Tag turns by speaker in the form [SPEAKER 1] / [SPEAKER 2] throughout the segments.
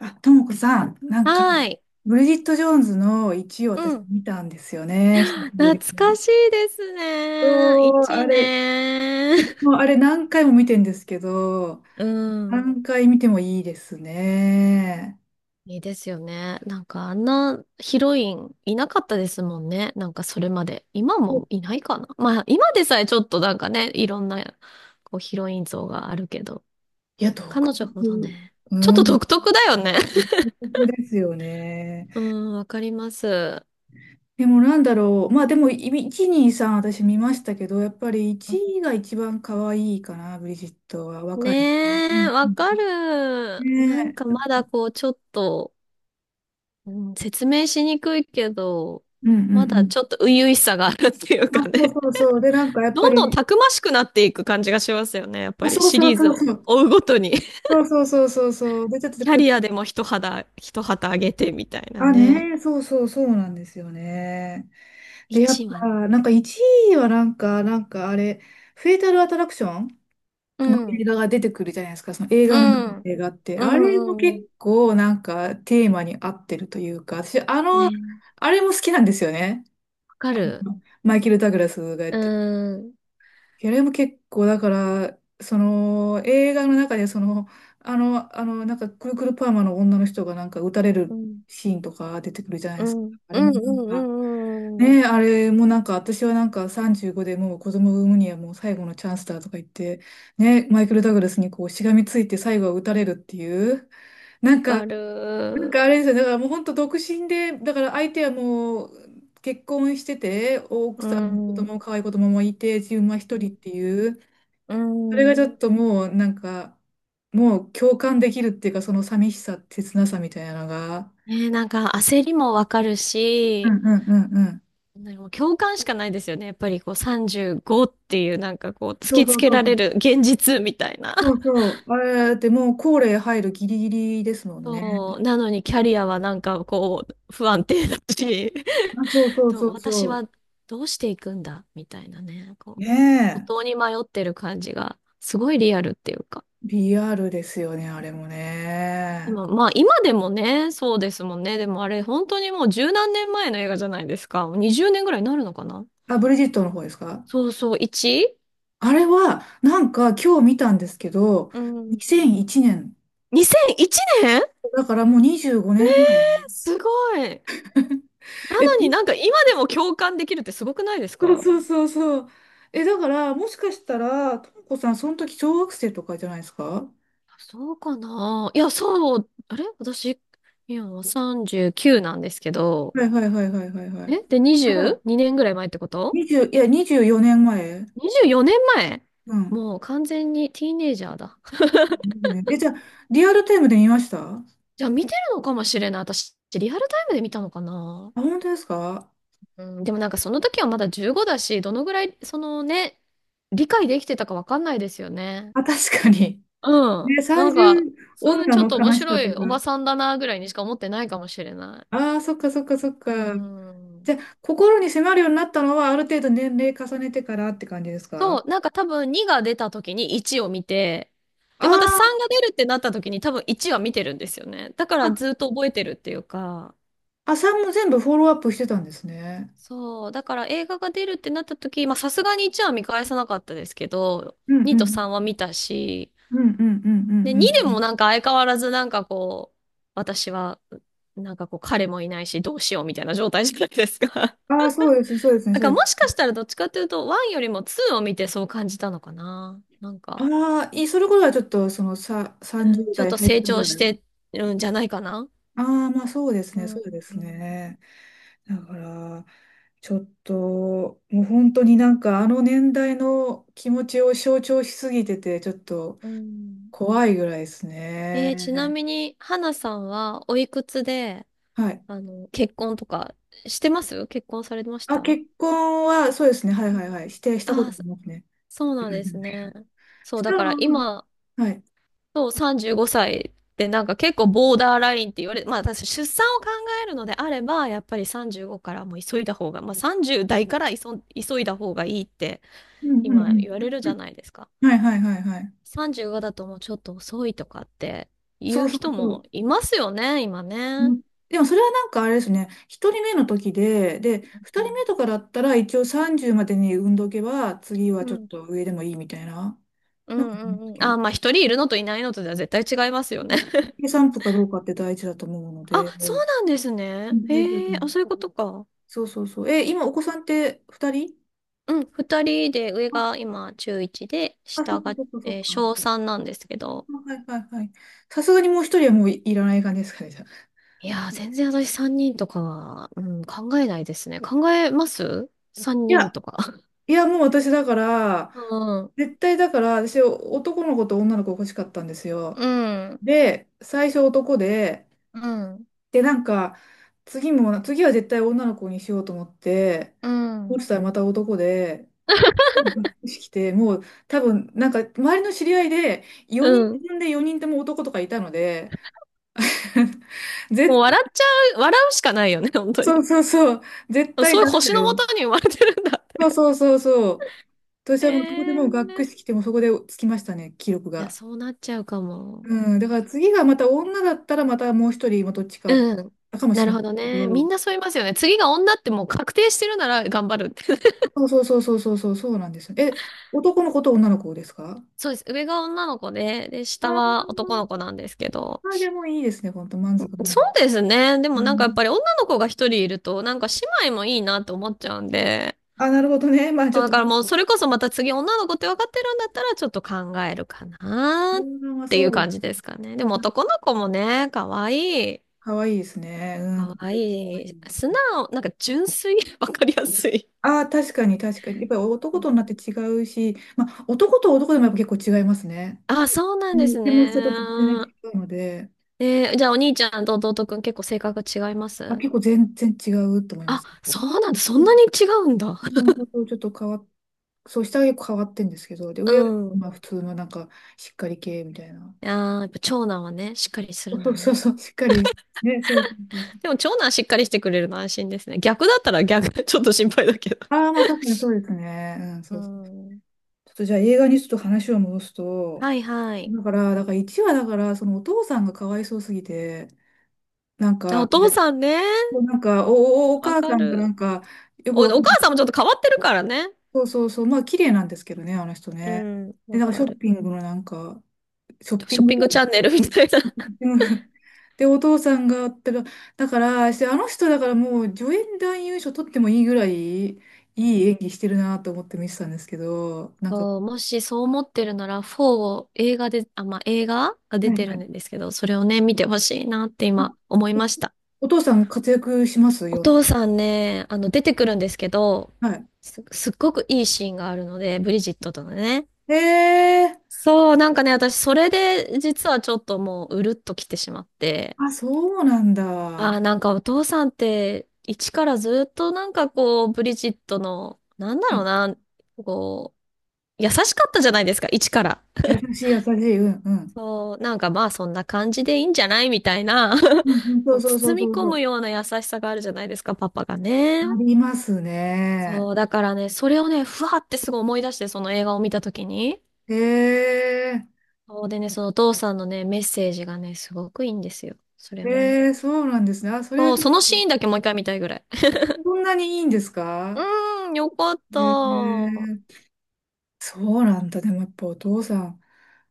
[SPEAKER 1] あ、ともこさん、なんか、
[SPEAKER 2] はい。
[SPEAKER 1] ブリジット・ジョーンズの1を
[SPEAKER 2] う
[SPEAKER 1] 私
[SPEAKER 2] ん。
[SPEAKER 1] 見たんですよね、久しぶ
[SPEAKER 2] 懐
[SPEAKER 1] り
[SPEAKER 2] か
[SPEAKER 1] に。
[SPEAKER 2] しいですね。
[SPEAKER 1] そう、あ
[SPEAKER 2] 一
[SPEAKER 1] れ、
[SPEAKER 2] 年。
[SPEAKER 1] もうあれ何回も見てんですけど、
[SPEAKER 2] うん。
[SPEAKER 1] 何回見てもいいですね。
[SPEAKER 2] いいですよね。なんかあんなヒロインいなかったですもんね。なんかそれまで。今もいないかな。まあ今でさえちょっとなんかね、いろんなこうヒロイン像があるけど、
[SPEAKER 1] いや、独
[SPEAKER 2] 彼女ほど
[SPEAKER 1] 特。
[SPEAKER 2] ね、ちょっ
[SPEAKER 1] う
[SPEAKER 2] と
[SPEAKER 1] ん、
[SPEAKER 2] 独特だよね。
[SPEAKER 1] 独特ですよね。
[SPEAKER 2] うん、わかります。
[SPEAKER 1] でもなんだろう、まあでも1、2、3私見ましたけど、やっぱり1が一番可愛いかな、ブリジットは若い。
[SPEAKER 2] ね
[SPEAKER 1] う
[SPEAKER 2] え、
[SPEAKER 1] ん
[SPEAKER 2] わか
[SPEAKER 1] うん、
[SPEAKER 2] る。
[SPEAKER 1] ね
[SPEAKER 2] なんか
[SPEAKER 1] え
[SPEAKER 2] まだこうちょっと、うん、説明しにくいけど、
[SPEAKER 1] うんうん
[SPEAKER 2] ま
[SPEAKER 1] う
[SPEAKER 2] だ
[SPEAKER 1] ん。
[SPEAKER 2] ちょっと初々しさがあるっていう
[SPEAKER 1] あ、
[SPEAKER 2] か
[SPEAKER 1] そう
[SPEAKER 2] ね。
[SPEAKER 1] そうそう。で、なんかや っぱ
[SPEAKER 2] どんどん
[SPEAKER 1] り、
[SPEAKER 2] たくましくなっていく感じがしますよね。やっぱ
[SPEAKER 1] あ、
[SPEAKER 2] り
[SPEAKER 1] そう
[SPEAKER 2] シ
[SPEAKER 1] そう
[SPEAKER 2] リーズ
[SPEAKER 1] そう
[SPEAKER 2] を
[SPEAKER 1] そう。
[SPEAKER 2] 追うごとに。
[SPEAKER 1] そうそうそうそうそう。で、ちょっと
[SPEAKER 2] キャ
[SPEAKER 1] くる。
[SPEAKER 2] リアでも一旗あげてみたいな
[SPEAKER 1] あ、
[SPEAKER 2] ね。
[SPEAKER 1] ねえ、そうそうそうなんですよね。で、やっ
[SPEAKER 2] 一はね。
[SPEAKER 1] ぱ、なんか1位はなんか、なんかあれ、フェイタルアトラクション
[SPEAKER 2] う
[SPEAKER 1] の映
[SPEAKER 2] ん。
[SPEAKER 1] 画が出てくるじゃないですか、その映
[SPEAKER 2] う
[SPEAKER 1] 画の中の
[SPEAKER 2] ん。
[SPEAKER 1] 映画って。
[SPEAKER 2] う
[SPEAKER 1] あれも
[SPEAKER 2] ん。う
[SPEAKER 1] 結
[SPEAKER 2] ん。
[SPEAKER 1] 構なんかテーマに合ってるというか、私、あの、
[SPEAKER 2] ね。
[SPEAKER 1] あれも好きなんですよね。
[SPEAKER 2] わかる。
[SPEAKER 1] マイケル・ダグラスがやっ
[SPEAKER 2] う
[SPEAKER 1] て
[SPEAKER 2] ーん。
[SPEAKER 1] いや、でも結構、だから、その、映画の中で、その、あの、なんか、くるくるパーマの女の人が、なんか、撃たれ
[SPEAKER 2] う
[SPEAKER 1] る
[SPEAKER 2] ん。
[SPEAKER 1] シーンとか出てくるじゃない
[SPEAKER 2] う
[SPEAKER 1] ですか。
[SPEAKER 2] ん。うん。
[SPEAKER 1] あれ
[SPEAKER 2] う
[SPEAKER 1] も、
[SPEAKER 2] ん。
[SPEAKER 1] なん
[SPEAKER 2] う
[SPEAKER 1] か、
[SPEAKER 2] んうんわ
[SPEAKER 1] ねえ、あれもなんか、私はなんか、35でもう子供を産むにはもう最後のチャンスだとか言って、ねマイケル・ダグラスにこう、しがみついて最後は撃たれるっていう、なんか、
[SPEAKER 2] か
[SPEAKER 1] なん
[SPEAKER 2] る。
[SPEAKER 1] かあれですよ、だからもう本当独身で、だから相手はもう、結婚してて、奥
[SPEAKER 2] う
[SPEAKER 1] さんも子
[SPEAKER 2] ん。
[SPEAKER 1] 供、可愛い子供もいて、自分は一人っていう、
[SPEAKER 2] う
[SPEAKER 1] それがちょ
[SPEAKER 2] ん。
[SPEAKER 1] っともうなんか、もう共感できるっていうか、その寂しさ、切なさみたいなのが。
[SPEAKER 2] ね、なんか焦りもわかる
[SPEAKER 1] うん
[SPEAKER 2] し、
[SPEAKER 1] うんうんうん。
[SPEAKER 2] なんかもう共感しかないですよね。やっぱりこう35っていうなんかこう突
[SPEAKER 1] そう
[SPEAKER 2] き
[SPEAKER 1] そ
[SPEAKER 2] つ
[SPEAKER 1] う
[SPEAKER 2] け
[SPEAKER 1] そう
[SPEAKER 2] ら
[SPEAKER 1] そ
[SPEAKER 2] れ
[SPEAKER 1] う。
[SPEAKER 2] る現実みたいな。
[SPEAKER 1] そうそう。あれだってもう高齢入るギリギリですもんね。
[SPEAKER 2] そう。なのにキャリアはなんかこう不安定だし、
[SPEAKER 1] あ、そうそう
[SPEAKER 2] と
[SPEAKER 1] そう
[SPEAKER 2] 私
[SPEAKER 1] そ
[SPEAKER 2] はどうしていくんだみたいなね。
[SPEAKER 1] う。
[SPEAKER 2] こ
[SPEAKER 1] ね
[SPEAKER 2] う、途方
[SPEAKER 1] え。
[SPEAKER 2] に迷ってる感じがすごいリアルっていうか。
[SPEAKER 1] リアルですよね、あれも
[SPEAKER 2] で
[SPEAKER 1] ね。
[SPEAKER 2] もまあ今でもね、そうですもんね。でもあれ本当にもう十何年前の映画じゃないですか。もう20年ぐらいになるのかな。
[SPEAKER 1] あ、ブリジットの方ですか？
[SPEAKER 2] そうそう、1？
[SPEAKER 1] あれは、なんか今日見たんですけど、
[SPEAKER 2] うん。
[SPEAKER 1] 2001年。
[SPEAKER 2] 2001年。
[SPEAKER 1] だからもう25
[SPEAKER 2] えー、
[SPEAKER 1] 年前。
[SPEAKER 2] すごい。なのになんか今でも共感できるってすごくないです
[SPEAKER 1] そう
[SPEAKER 2] か？
[SPEAKER 1] そうそうそう。え、だから、もしかしたら、ともこさん、その時小学生とかじゃないですか？
[SPEAKER 2] そうかな、いや、そう、あれ私、今39なんですけど、
[SPEAKER 1] はいはいはいはいはいはい。
[SPEAKER 2] えで、
[SPEAKER 1] あ、じゃあ、
[SPEAKER 2] 22年ぐらい前ってこと？
[SPEAKER 1] 20、いや、24年前。
[SPEAKER 2] 24 年前。
[SPEAKER 1] うん。
[SPEAKER 2] もう完全にティーネイジャーだ。
[SPEAKER 1] ねえ、じゃあ、リアルタイムで見ましたあ、
[SPEAKER 2] じゃあ見てるのかもしれない。私、リアルタイムで見たのかな。
[SPEAKER 1] 本当ですか？
[SPEAKER 2] うん、でもなんかその時はまだ15だし、どのぐらい、そのね、理解できてたかわかんないですよね。
[SPEAKER 1] あ、確かに。
[SPEAKER 2] う ん。
[SPEAKER 1] ね、
[SPEAKER 2] なんか、
[SPEAKER 1] 30
[SPEAKER 2] うん、
[SPEAKER 1] 女
[SPEAKER 2] ちょ
[SPEAKER 1] の
[SPEAKER 2] っと面
[SPEAKER 1] 悲しさ
[SPEAKER 2] 白
[SPEAKER 1] と
[SPEAKER 2] いおば
[SPEAKER 1] か。
[SPEAKER 2] さんだなぐらいにしか思ってないかもしれない。
[SPEAKER 1] ああ、そっかそっかそっ
[SPEAKER 2] う
[SPEAKER 1] か。
[SPEAKER 2] ん。
[SPEAKER 1] じゃあ、心に迫るようになったのは、ある程度年齢重ねてからって感じです
[SPEAKER 2] そ
[SPEAKER 1] か？
[SPEAKER 2] う、なんか多分2が出た時に1を見て、
[SPEAKER 1] あ
[SPEAKER 2] で、また
[SPEAKER 1] ー
[SPEAKER 2] 3が出るってなった時に多分1は見てるんですよね。だか
[SPEAKER 1] あ、
[SPEAKER 2] らずっと覚えてるっていうか、
[SPEAKER 1] あ、さんも全部フォローアップしてたんですね。
[SPEAKER 2] そう、だから映画が出るってなった時、まあさすがに1は見返さなかったですけど、
[SPEAKER 1] うん
[SPEAKER 2] 2
[SPEAKER 1] う
[SPEAKER 2] と
[SPEAKER 1] ん。
[SPEAKER 2] 3は見たし、
[SPEAKER 1] うんうんうんう
[SPEAKER 2] で、
[SPEAKER 1] んう
[SPEAKER 2] 2でも
[SPEAKER 1] ん
[SPEAKER 2] なんか相変わらずなんかこう、私は、なんかこう彼もいないしどうしようみたいな状態じゃないですか。
[SPEAKER 1] うん。ああ、そうです、そうですね、
[SPEAKER 2] なん
[SPEAKER 1] そ
[SPEAKER 2] か
[SPEAKER 1] うで
[SPEAKER 2] もし
[SPEAKER 1] す。
[SPEAKER 2] かしたらどっちかというと、1よりも2を見てそう感じたのかな。なんか、
[SPEAKER 1] ああ、いい、それこそはちょっと、その、
[SPEAKER 2] うん、ちょっ
[SPEAKER 1] 30
[SPEAKER 2] と
[SPEAKER 1] 代入っ
[SPEAKER 2] 成
[SPEAKER 1] た
[SPEAKER 2] 長
[SPEAKER 1] ぐ
[SPEAKER 2] し
[SPEAKER 1] らい。
[SPEAKER 2] てるんじゃないかな。
[SPEAKER 1] ああ、まあそうです
[SPEAKER 2] う
[SPEAKER 1] ね、そ
[SPEAKER 2] ん。
[SPEAKER 1] うですね。だから、ちょっと、もう本当になんか、あの年代の気持ちを象徴しすぎてて、ちょっと
[SPEAKER 2] うん。
[SPEAKER 1] 怖いぐらいです
[SPEAKER 2] えー、ちな
[SPEAKER 1] ね。
[SPEAKER 2] みに、花さんはおいくつで、
[SPEAKER 1] はい。
[SPEAKER 2] 結婚とかしてます？結婚されまし
[SPEAKER 1] あ、
[SPEAKER 2] たあ。
[SPEAKER 1] 結婚は、そうですね、はいはいはい、したこ
[SPEAKER 2] あ
[SPEAKER 1] と
[SPEAKER 2] ー、
[SPEAKER 1] ありますね。
[SPEAKER 2] そう
[SPEAKER 1] う
[SPEAKER 2] なんです
[SPEAKER 1] ん、
[SPEAKER 2] ね。そう、
[SPEAKER 1] し
[SPEAKER 2] だ
[SPEAKER 1] たら、
[SPEAKER 2] から今、
[SPEAKER 1] はい。
[SPEAKER 2] そう、35歳ってなんか結構ボーダーラインって言われ、まあ私出産を考えるのであれば、やっぱり35からもう急いだ方が、まあ30代から急、急いだ方がいいって
[SPEAKER 1] うんう
[SPEAKER 2] 今
[SPEAKER 1] ん
[SPEAKER 2] 言われるじ
[SPEAKER 1] う
[SPEAKER 2] ゃないですか。
[SPEAKER 1] ん。はいはいはいはい。
[SPEAKER 2] 35だともうちょっと遅いとかって
[SPEAKER 1] そ
[SPEAKER 2] 言う
[SPEAKER 1] うそ
[SPEAKER 2] 人
[SPEAKER 1] うそう。
[SPEAKER 2] もいますよね、今
[SPEAKER 1] う
[SPEAKER 2] ね。
[SPEAKER 1] ん。でもそれはなんかあれですね、1人目の時で、2人目とかだったら一応30までに産んどけば、次は
[SPEAKER 2] う
[SPEAKER 1] ちょっ
[SPEAKER 2] ん。
[SPEAKER 1] と上でもいいみたいな、
[SPEAKER 2] う
[SPEAKER 1] なんか
[SPEAKER 2] ん
[SPEAKER 1] 思うんで
[SPEAKER 2] う
[SPEAKER 1] す
[SPEAKER 2] んうん。
[SPEAKER 1] けど、
[SPEAKER 2] あ、まあ一人いるのといないのとでは絶対違いますよね。
[SPEAKER 1] 計 算部かどうかって大事だと思うの
[SPEAKER 2] あ、
[SPEAKER 1] で、う
[SPEAKER 2] そう
[SPEAKER 1] ん、
[SPEAKER 2] なんですね。
[SPEAKER 1] 大事だと
[SPEAKER 2] へえ、
[SPEAKER 1] 思
[SPEAKER 2] あ、
[SPEAKER 1] う。
[SPEAKER 2] そういうことか。
[SPEAKER 1] そうそうそう。え、今お子さんって2人？
[SPEAKER 2] うん、二人で、上
[SPEAKER 1] あ、
[SPEAKER 2] が今中1で、
[SPEAKER 1] あ、そ
[SPEAKER 2] 下
[SPEAKER 1] っか
[SPEAKER 2] が、
[SPEAKER 1] そっかそっ
[SPEAKER 2] えー
[SPEAKER 1] か。
[SPEAKER 2] 小3なんですけど、
[SPEAKER 1] あ、はいはいはい。さすがにもう1人はもういらない感じですかね、じゃあ。
[SPEAKER 2] いやー、全然私3人とかは、うん、考えないですね。考えます？ 3
[SPEAKER 1] い
[SPEAKER 2] 人
[SPEAKER 1] や、
[SPEAKER 2] とか。
[SPEAKER 1] いやもう私だから、
[SPEAKER 2] うん、
[SPEAKER 1] 絶対だから、私男の子と女の子欲しかったんですよ。
[SPEAKER 2] うん、
[SPEAKER 1] で、最初男で、
[SPEAKER 2] うん、
[SPEAKER 1] で、なんか、次は絶対女の子にしようと思って、
[SPEAKER 2] う
[SPEAKER 1] 落
[SPEAKER 2] ん、
[SPEAKER 1] ちたらまた男で、がっくし来て、もう多分、なんか、周りの知り合いで、
[SPEAKER 2] う
[SPEAKER 1] 4
[SPEAKER 2] ん。
[SPEAKER 1] 人で4人とも男とかいたので、
[SPEAKER 2] も
[SPEAKER 1] 絶
[SPEAKER 2] う
[SPEAKER 1] 対、
[SPEAKER 2] 笑っちゃう、笑うしかないよね、本当
[SPEAKER 1] そう
[SPEAKER 2] に。
[SPEAKER 1] そうそう、絶
[SPEAKER 2] そ
[SPEAKER 1] 対
[SPEAKER 2] うい
[SPEAKER 1] ダ
[SPEAKER 2] う
[SPEAKER 1] メ
[SPEAKER 2] 星
[SPEAKER 1] だ
[SPEAKER 2] のも
[SPEAKER 1] よ。
[SPEAKER 2] とに生まれてるんだっ
[SPEAKER 1] そう
[SPEAKER 2] て。
[SPEAKER 1] そうそうそう。私
[SPEAKER 2] えー、
[SPEAKER 1] はもうそこで
[SPEAKER 2] い
[SPEAKER 1] もうがっくし来て、もうそこでつきましたね、記録
[SPEAKER 2] や、
[SPEAKER 1] が。
[SPEAKER 2] そうなっちゃうかも。
[SPEAKER 1] うん、だから次がまた女だったら、またもう一人、まあどっちか、
[SPEAKER 2] うん。
[SPEAKER 1] かもし
[SPEAKER 2] な
[SPEAKER 1] れ
[SPEAKER 2] る
[SPEAKER 1] ない
[SPEAKER 2] ほど
[SPEAKER 1] け
[SPEAKER 2] ね。み
[SPEAKER 1] ど、
[SPEAKER 2] んなそう言いますよね。次が女ってもう確定してるなら頑張るって。
[SPEAKER 1] そうそうそうそうそうそう、そうなんですよ。え、男の子と女の子ですか？
[SPEAKER 2] そうです。上が女の子で、で、
[SPEAKER 1] あ
[SPEAKER 2] 下
[SPEAKER 1] ー
[SPEAKER 2] は男の子なんですけど。
[SPEAKER 1] あ、じゃあもういいですね、本当満足、満
[SPEAKER 2] そ
[SPEAKER 1] 足。
[SPEAKER 2] うですね。で
[SPEAKER 1] う
[SPEAKER 2] もなんか
[SPEAKER 1] ん、
[SPEAKER 2] やっぱり女の子が一人いると、なんか姉妹もいいなと思っちゃうんで。
[SPEAKER 1] あ、なるほどね。まあち
[SPEAKER 2] そ
[SPEAKER 1] ょ
[SPEAKER 2] う、
[SPEAKER 1] っ
[SPEAKER 2] だ
[SPEAKER 1] と、
[SPEAKER 2] からもうそれこそまた次女の子って分かってるんだったらちょっと考えるか
[SPEAKER 1] う
[SPEAKER 2] なっ
[SPEAKER 1] ん、まあ
[SPEAKER 2] てい
[SPEAKER 1] そ
[SPEAKER 2] う
[SPEAKER 1] う、
[SPEAKER 2] 感じですかね。でも男の子もね、
[SPEAKER 1] かわいいですね。うん、か
[SPEAKER 2] 可
[SPEAKER 1] わいい。かわ
[SPEAKER 2] 愛
[SPEAKER 1] い
[SPEAKER 2] い
[SPEAKER 1] い。
[SPEAKER 2] 素直、なんか純粋。わかりやすい。
[SPEAKER 1] ああ、確かに確かに。やっぱり男と女って違うし、まあ男と男でもやっぱ結構違いますね。
[SPEAKER 2] あ、そうなん
[SPEAKER 1] う
[SPEAKER 2] で
[SPEAKER 1] ん、
[SPEAKER 2] す
[SPEAKER 1] でも人と全然
[SPEAKER 2] ね。
[SPEAKER 1] 違うので、
[SPEAKER 2] えー、じゃあお兄ちゃんと弟くん結構性格が違いま
[SPEAKER 1] あ、
[SPEAKER 2] す？
[SPEAKER 1] 結構全然違うと思いま
[SPEAKER 2] あ、
[SPEAKER 1] す。
[SPEAKER 2] そうなんだ。そ
[SPEAKER 1] う
[SPEAKER 2] んな
[SPEAKER 1] ん、
[SPEAKER 2] に違うんだ。
[SPEAKER 1] なんかちょっと変わっそう、下は結構変わってんですけど、で、
[SPEAKER 2] う
[SPEAKER 1] 上は
[SPEAKER 2] ん。い
[SPEAKER 1] まあ普通のなんか、しっかり系みたいな。
[SPEAKER 2] やー、やっぱ長男はね、しっかりするん
[SPEAKER 1] そ
[SPEAKER 2] だ
[SPEAKER 1] うそう
[SPEAKER 2] ね。
[SPEAKER 1] そう、しっかり。ね、そうそうそうそ
[SPEAKER 2] でも
[SPEAKER 1] う。
[SPEAKER 2] 長男しっかりしてくれるの安心ですね。逆だったら逆、ちょっと心配だけど。
[SPEAKER 1] ああ、まあ確かにそうですね。うん、
[SPEAKER 2] う
[SPEAKER 1] そうですね。
[SPEAKER 2] ん。
[SPEAKER 1] ちょっとじゃあ映画にちょっと話を戻すと、
[SPEAKER 2] はいはい。
[SPEAKER 1] だから1話だから、そのお父さんがかわいそうすぎて、なん
[SPEAKER 2] あ、お
[SPEAKER 1] か、
[SPEAKER 2] 父さんね。
[SPEAKER 1] そうなんか、お、お、お
[SPEAKER 2] わ
[SPEAKER 1] 母
[SPEAKER 2] か
[SPEAKER 1] さんがな
[SPEAKER 2] る。
[SPEAKER 1] んか、よくわか
[SPEAKER 2] お
[SPEAKER 1] んな
[SPEAKER 2] 母さん
[SPEAKER 1] い。
[SPEAKER 2] もちょっと変わってるからね。
[SPEAKER 1] そうそうそう、まあ綺麗なんですけどね、あの人
[SPEAKER 2] う
[SPEAKER 1] ね。
[SPEAKER 2] ん、
[SPEAKER 1] で、
[SPEAKER 2] わ
[SPEAKER 1] なんかシ
[SPEAKER 2] か
[SPEAKER 1] ョッ
[SPEAKER 2] る。
[SPEAKER 1] ピングのなんか、ショッピ
[SPEAKER 2] ショ
[SPEAKER 1] ン
[SPEAKER 2] ッ
[SPEAKER 1] グ、
[SPEAKER 2] ピングチャンネルみたいな。
[SPEAKER 1] うん。で、お父さんが、だからあの人だからもう助演男優賞取ってもいいぐらい、いい演技してるなと思って見てたんですけど、なんか、は
[SPEAKER 2] そう、もしそう思ってるなら、4を映画で、あ、まあ、映画が
[SPEAKER 1] い
[SPEAKER 2] 出
[SPEAKER 1] は
[SPEAKER 2] てるん
[SPEAKER 1] い、
[SPEAKER 2] ですけど、それをね、見てほしいなって
[SPEAKER 1] あ、
[SPEAKER 2] 今思いました。
[SPEAKER 1] お父さん活躍します
[SPEAKER 2] お
[SPEAKER 1] よんで、
[SPEAKER 2] 父さんね、出てくるんですけど、
[SPEAKER 1] はい。
[SPEAKER 2] すっごくいいシーンがあるので、ブリジットとのね。
[SPEAKER 1] へえ、
[SPEAKER 2] そう、なんかね、私、それで、実はちょっともう、うるっと来てしまって。
[SPEAKER 1] あ、そうなん
[SPEAKER 2] あ
[SPEAKER 1] だ。
[SPEAKER 2] あ、なんかお父さんって、一からずっとなんかこう、ブリジットの、なんだ
[SPEAKER 1] う
[SPEAKER 2] ろう
[SPEAKER 1] ん、
[SPEAKER 2] な、こう、優しかったじゃないですか、一から。
[SPEAKER 1] 優しい、優しい、うん、うん。
[SPEAKER 2] そう、なんかまあ、そんな感じでいいんじゃないみたいな、
[SPEAKER 1] うんうん、そ
[SPEAKER 2] こ
[SPEAKER 1] う
[SPEAKER 2] う
[SPEAKER 1] そうそう
[SPEAKER 2] 包
[SPEAKER 1] そ
[SPEAKER 2] み
[SPEAKER 1] う
[SPEAKER 2] 込
[SPEAKER 1] そ
[SPEAKER 2] む
[SPEAKER 1] う。
[SPEAKER 2] ような優しさがあるじゃないですか、パパが
[SPEAKER 1] あ
[SPEAKER 2] ね。
[SPEAKER 1] りますね。
[SPEAKER 2] そう、だからね、それをね、ふわってすごい思い出して、その映画を見たときに。
[SPEAKER 1] へえ、
[SPEAKER 2] そうでね、そのお父さんのね、メッセージがね、すごくいいんですよ。それをね。
[SPEAKER 1] へえ、そうなんですね。あ、それは
[SPEAKER 2] そう、
[SPEAKER 1] ちょっ
[SPEAKER 2] そのシー
[SPEAKER 1] と、
[SPEAKER 2] ンだけもう一回見たいぐらい。
[SPEAKER 1] そんなにいいんです
[SPEAKER 2] う
[SPEAKER 1] か？
[SPEAKER 2] ーん、よかっ
[SPEAKER 1] へ
[SPEAKER 2] た。
[SPEAKER 1] え、そうなんだ。でもやっぱお父さん、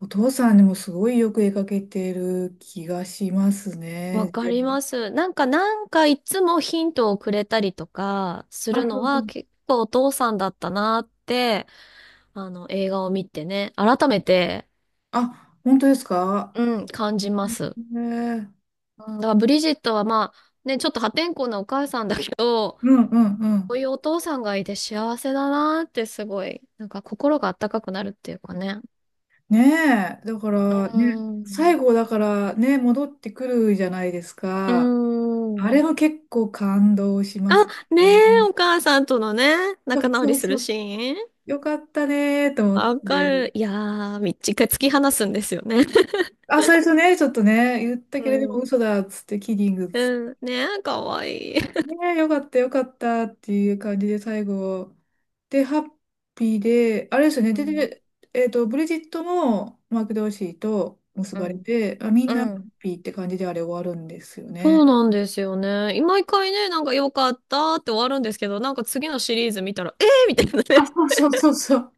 [SPEAKER 1] お父さんにもすごいよく絵描けてる気がします
[SPEAKER 2] わ
[SPEAKER 1] ね。
[SPEAKER 2] か
[SPEAKER 1] で、
[SPEAKER 2] ります。なんか、なんかいつもヒントをくれたりとかす
[SPEAKER 1] あ、
[SPEAKER 2] る
[SPEAKER 1] そ
[SPEAKER 2] の
[SPEAKER 1] うそ
[SPEAKER 2] は
[SPEAKER 1] う。
[SPEAKER 2] 結構お父さんだったなって、映画を見てね、改めて、
[SPEAKER 1] あ、本当ですか？
[SPEAKER 2] うん、感じ
[SPEAKER 1] へ
[SPEAKER 2] ます。
[SPEAKER 1] え、
[SPEAKER 2] うん、だからブリジットはまあ、ね、ちょっと破天荒なお母さんだけど、
[SPEAKER 1] うんうんう
[SPEAKER 2] こう
[SPEAKER 1] ん。
[SPEAKER 2] いうお父さんがいて幸せだなーってすごい、なんか心が温かくなるっていうかね。
[SPEAKER 1] ねえ、だか
[SPEAKER 2] う
[SPEAKER 1] ら
[SPEAKER 2] ー
[SPEAKER 1] ね、最
[SPEAKER 2] ん。
[SPEAKER 1] 後だからね、戻ってくるじゃないです
[SPEAKER 2] うー
[SPEAKER 1] か。あれ
[SPEAKER 2] ん。
[SPEAKER 1] も結構感動しま
[SPEAKER 2] あ、
[SPEAKER 1] す
[SPEAKER 2] ね
[SPEAKER 1] ね。
[SPEAKER 2] え、お母さんとのね、
[SPEAKER 1] そ
[SPEAKER 2] 仲
[SPEAKER 1] う
[SPEAKER 2] 直
[SPEAKER 1] そ
[SPEAKER 2] り
[SPEAKER 1] う
[SPEAKER 2] す
[SPEAKER 1] そ
[SPEAKER 2] る
[SPEAKER 1] う。
[SPEAKER 2] シーン。
[SPEAKER 1] よかったねーと思っ
[SPEAKER 2] わかる。
[SPEAKER 1] て。
[SPEAKER 2] いやー、一回突き放すんですよね。
[SPEAKER 1] あ、最初ね、ちょっとね、言った
[SPEAKER 2] う
[SPEAKER 1] けれども
[SPEAKER 2] ん。
[SPEAKER 1] 嘘だっつって、キリングっつって、
[SPEAKER 2] うん、ねえ、かわいい。
[SPEAKER 1] ねえ、よかったよかったっていう感じで最後。で、ハッピーで、あれですよね、
[SPEAKER 2] う
[SPEAKER 1] で、
[SPEAKER 2] ん。
[SPEAKER 1] で、えっと、ブリジットもマーク・ドーシーと結
[SPEAKER 2] う
[SPEAKER 1] ばれ
[SPEAKER 2] ん。
[SPEAKER 1] て、あ、みん
[SPEAKER 2] う
[SPEAKER 1] なハッ
[SPEAKER 2] ん、
[SPEAKER 1] ピーって感じであれ終わるんですよ
[SPEAKER 2] そう
[SPEAKER 1] ね。
[SPEAKER 2] なんですよね。毎回ね、なんか良かったって終わるんですけど、なんか次のシリーズ見たら、えーみたいな
[SPEAKER 1] あ、
[SPEAKER 2] ね。
[SPEAKER 1] そうそうそうそう。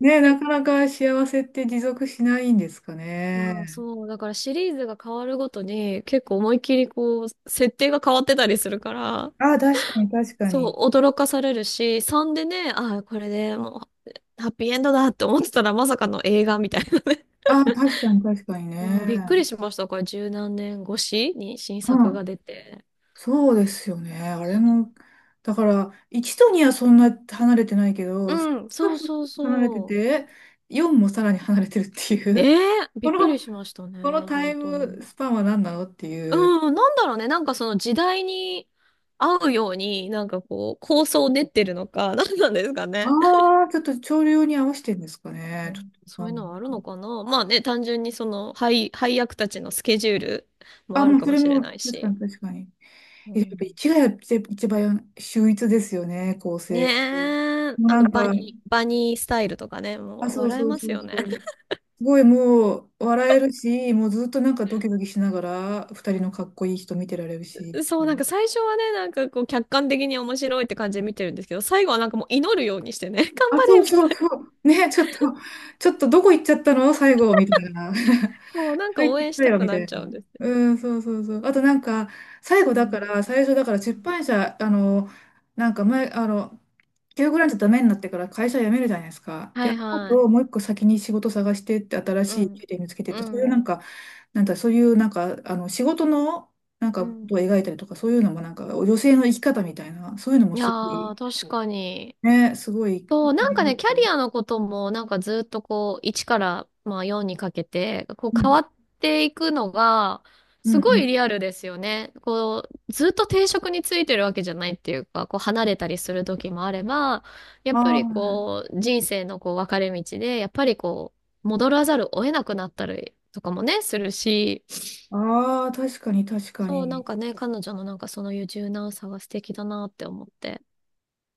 [SPEAKER 1] ねえ、なかなか幸せって持続しないんですか
[SPEAKER 2] いやー、
[SPEAKER 1] ね。
[SPEAKER 2] そう、だからシリーズが変わるごとに結構思いっきりこう、設定が変わってたりするから、
[SPEAKER 1] あ、確かに確か
[SPEAKER 2] そ
[SPEAKER 1] に。
[SPEAKER 2] う、驚かされるし、3でね、ああ、これでもう、ハッピーエンドだって思ってたらまさかの映画みたいなね。
[SPEAKER 1] あ、確かに確かに
[SPEAKER 2] うん、びっくり
[SPEAKER 1] ね。
[SPEAKER 2] しました。これ十何年越しに新
[SPEAKER 1] う
[SPEAKER 2] 作が
[SPEAKER 1] ん。
[SPEAKER 2] 出て。
[SPEAKER 1] そうですよね。あれも、だから、1と2はそんな離れてないけど、3
[SPEAKER 2] うん、
[SPEAKER 1] が
[SPEAKER 2] そうそう
[SPEAKER 1] 離れて
[SPEAKER 2] そ
[SPEAKER 1] て、4もさらに離れてるって
[SPEAKER 2] う。
[SPEAKER 1] い
[SPEAKER 2] ね
[SPEAKER 1] う、
[SPEAKER 2] え、び
[SPEAKER 1] こ
[SPEAKER 2] っく
[SPEAKER 1] の、
[SPEAKER 2] りしましたね、
[SPEAKER 1] このタイ
[SPEAKER 2] 本当
[SPEAKER 1] ム
[SPEAKER 2] に。
[SPEAKER 1] スパンは何なのっていう。
[SPEAKER 2] うん、なんだろうね、なんかその時代に合うように、なんかこう、構想を練ってるのか、なんなんですかね。
[SPEAKER 1] ああ、ちょっと潮流に合わせてんですか
[SPEAKER 2] う
[SPEAKER 1] ね。ちょっ
[SPEAKER 2] ん、
[SPEAKER 1] と
[SPEAKER 2] そ
[SPEAKER 1] わ
[SPEAKER 2] うい
[SPEAKER 1] か
[SPEAKER 2] う
[SPEAKER 1] んな
[SPEAKER 2] のはある
[SPEAKER 1] い。
[SPEAKER 2] のかな。まあね、単純にその配役たちのスケジュールも
[SPEAKER 1] あ、
[SPEAKER 2] ある
[SPEAKER 1] もう
[SPEAKER 2] か
[SPEAKER 1] そ
[SPEAKER 2] も
[SPEAKER 1] れ
[SPEAKER 2] しれ
[SPEAKER 1] も、
[SPEAKER 2] ない
[SPEAKER 1] 確か
[SPEAKER 2] し。
[SPEAKER 1] に確かに。
[SPEAKER 2] う
[SPEAKER 1] え、やっぱ
[SPEAKER 2] ん、
[SPEAKER 1] 1がやっぱ一番秀逸ですよね、構成。も
[SPEAKER 2] ねえ、
[SPEAKER 1] うなんか、
[SPEAKER 2] バニースタイルとかね、も
[SPEAKER 1] あ、
[SPEAKER 2] う
[SPEAKER 1] そう
[SPEAKER 2] 笑え
[SPEAKER 1] そう
[SPEAKER 2] ま
[SPEAKER 1] そ
[SPEAKER 2] す
[SPEAKER 1] う
[SPEAKER 2] よね。
[SPEAKER 1] そう。すごいもう笑えるし、もうずっとなんかドキドキしながら、二人のかっこいい人見てられるしっ て
[SPEAKER 2] そ
[SPEAKER 1] い
[SPEAKER 2] う、なん
[SPEAKER 1] う、
[SPEAKER 2] か最初はね、なんかこう客観的に面白いって感じで見てるんですけど、最後はなんかもう祈るようにしてね、頑
[SPEAKER 1] あ、
[SPEAKER 2] 張
[SPEAKER 1] そ
[SPEAKER 2] れ
[SPEAKER 1] う
[SPEAKER 2] み
[SPEAKER 1] そう
[SPEAKER 2] たい
[SPEAKER 1] そ
[SPEAKER 2] な。
[SPEAKER 1] う。ね、ちょっとどこ行っちゃったの最後、みたいな。
[SPEAKER 2] そう、なん か
[SPEAKER 1] 入っ
[SPEAKER 2] 応
[SPEAKER 1] て
[SPEAKER 2] 援
[SPEAKER 1] き
[SPEAKER 2] し
[SPEAKER 1] た
[SPEAKER 2] た
[SPEAKER 1] よ、
[SPEAKER 2] く
[SPEAKER 1] みた
[SPEAKER 2] なっ
[SPEAKER 1] い
[SPEAKER 2] ちゃ
[SPEAKER 1] な。
[SPEAKER 2] うんです。
[SPEAKER 1] うん、そうそうそう。あとなんか、最後
[SPEAKER 2] う
[SPEAKER 1] だから、
[SPEAKER 2] ん。
[SPEAKER 1] 最初だから出版社、あの、なんか前、あの、休グランじゃダメになってから会社辞めるじゃないですか。で、
[SPEAKER 2] は
[SPEAKER 1] あ
[SPEAKER 2] いはい。
[SPEAKER 1] ともう一個先に仕事探してって新
[SPEAKER 2] う
[SPEAKER 1] しい
[SPEAKER 2] ん。
[SPEAKER 1] 経験見つけてって、
[SPEAKER 2] う
[SPEAKER 1] そういうなん
[SPEAKER 2] ん。
[SPEAKER 1] かなんかそういうなんかあの仕事のなん
[SPEAKER 2] う
[SPEAKER 1] かこ
[SPEAKER 2] ん。
[SPEAKER 1] とを描いたりとかそういうのもなんか女性の生き方みたいなそういうのも
[SPEAKER 2] いや
[SPEAKER 1] すご
[SPEAKER 2] ー、
[SPEAKER 1] い、
[SPEAKER 2] 確かに。
[SPEAKER 1] ね、すごい、
[SPEAKER 2] そう、なんかね、キャリアのことも、なんかずっとこう、1から、まあ、4にかけて、こう、
[SPEAKER 1] う
[SPEAKER 2] 変わ
[SPEAKER 1] ん
[SPEAKER 2] っていくのが、
[SPEAKER 1] うん
[SPEAKER 2] す
[SPEAKER 1] う
[SPEAKER 2] ごい
[SPEAKER 1] ん、
[SPEAKER 2] リアルですよね。こう、ずっと定職についてるわけじゃないっていうか、こう、離れたりする時もあれば、やっぱり
[SPEAKER 1] あ
[SPEAKER 2] こう、人生のこう、分かれ道で、やっぱりこう、戻らざるを得なくなったりとかもね、するし、
[SPEAKER 1] あ、ああ、確かに確か
[SPEAKER 2] そう、なん
[SPEAKER 1] に
[SPEAKER 2] かね、彼女のなんかそのいう柔軟さが素敵だなって思って。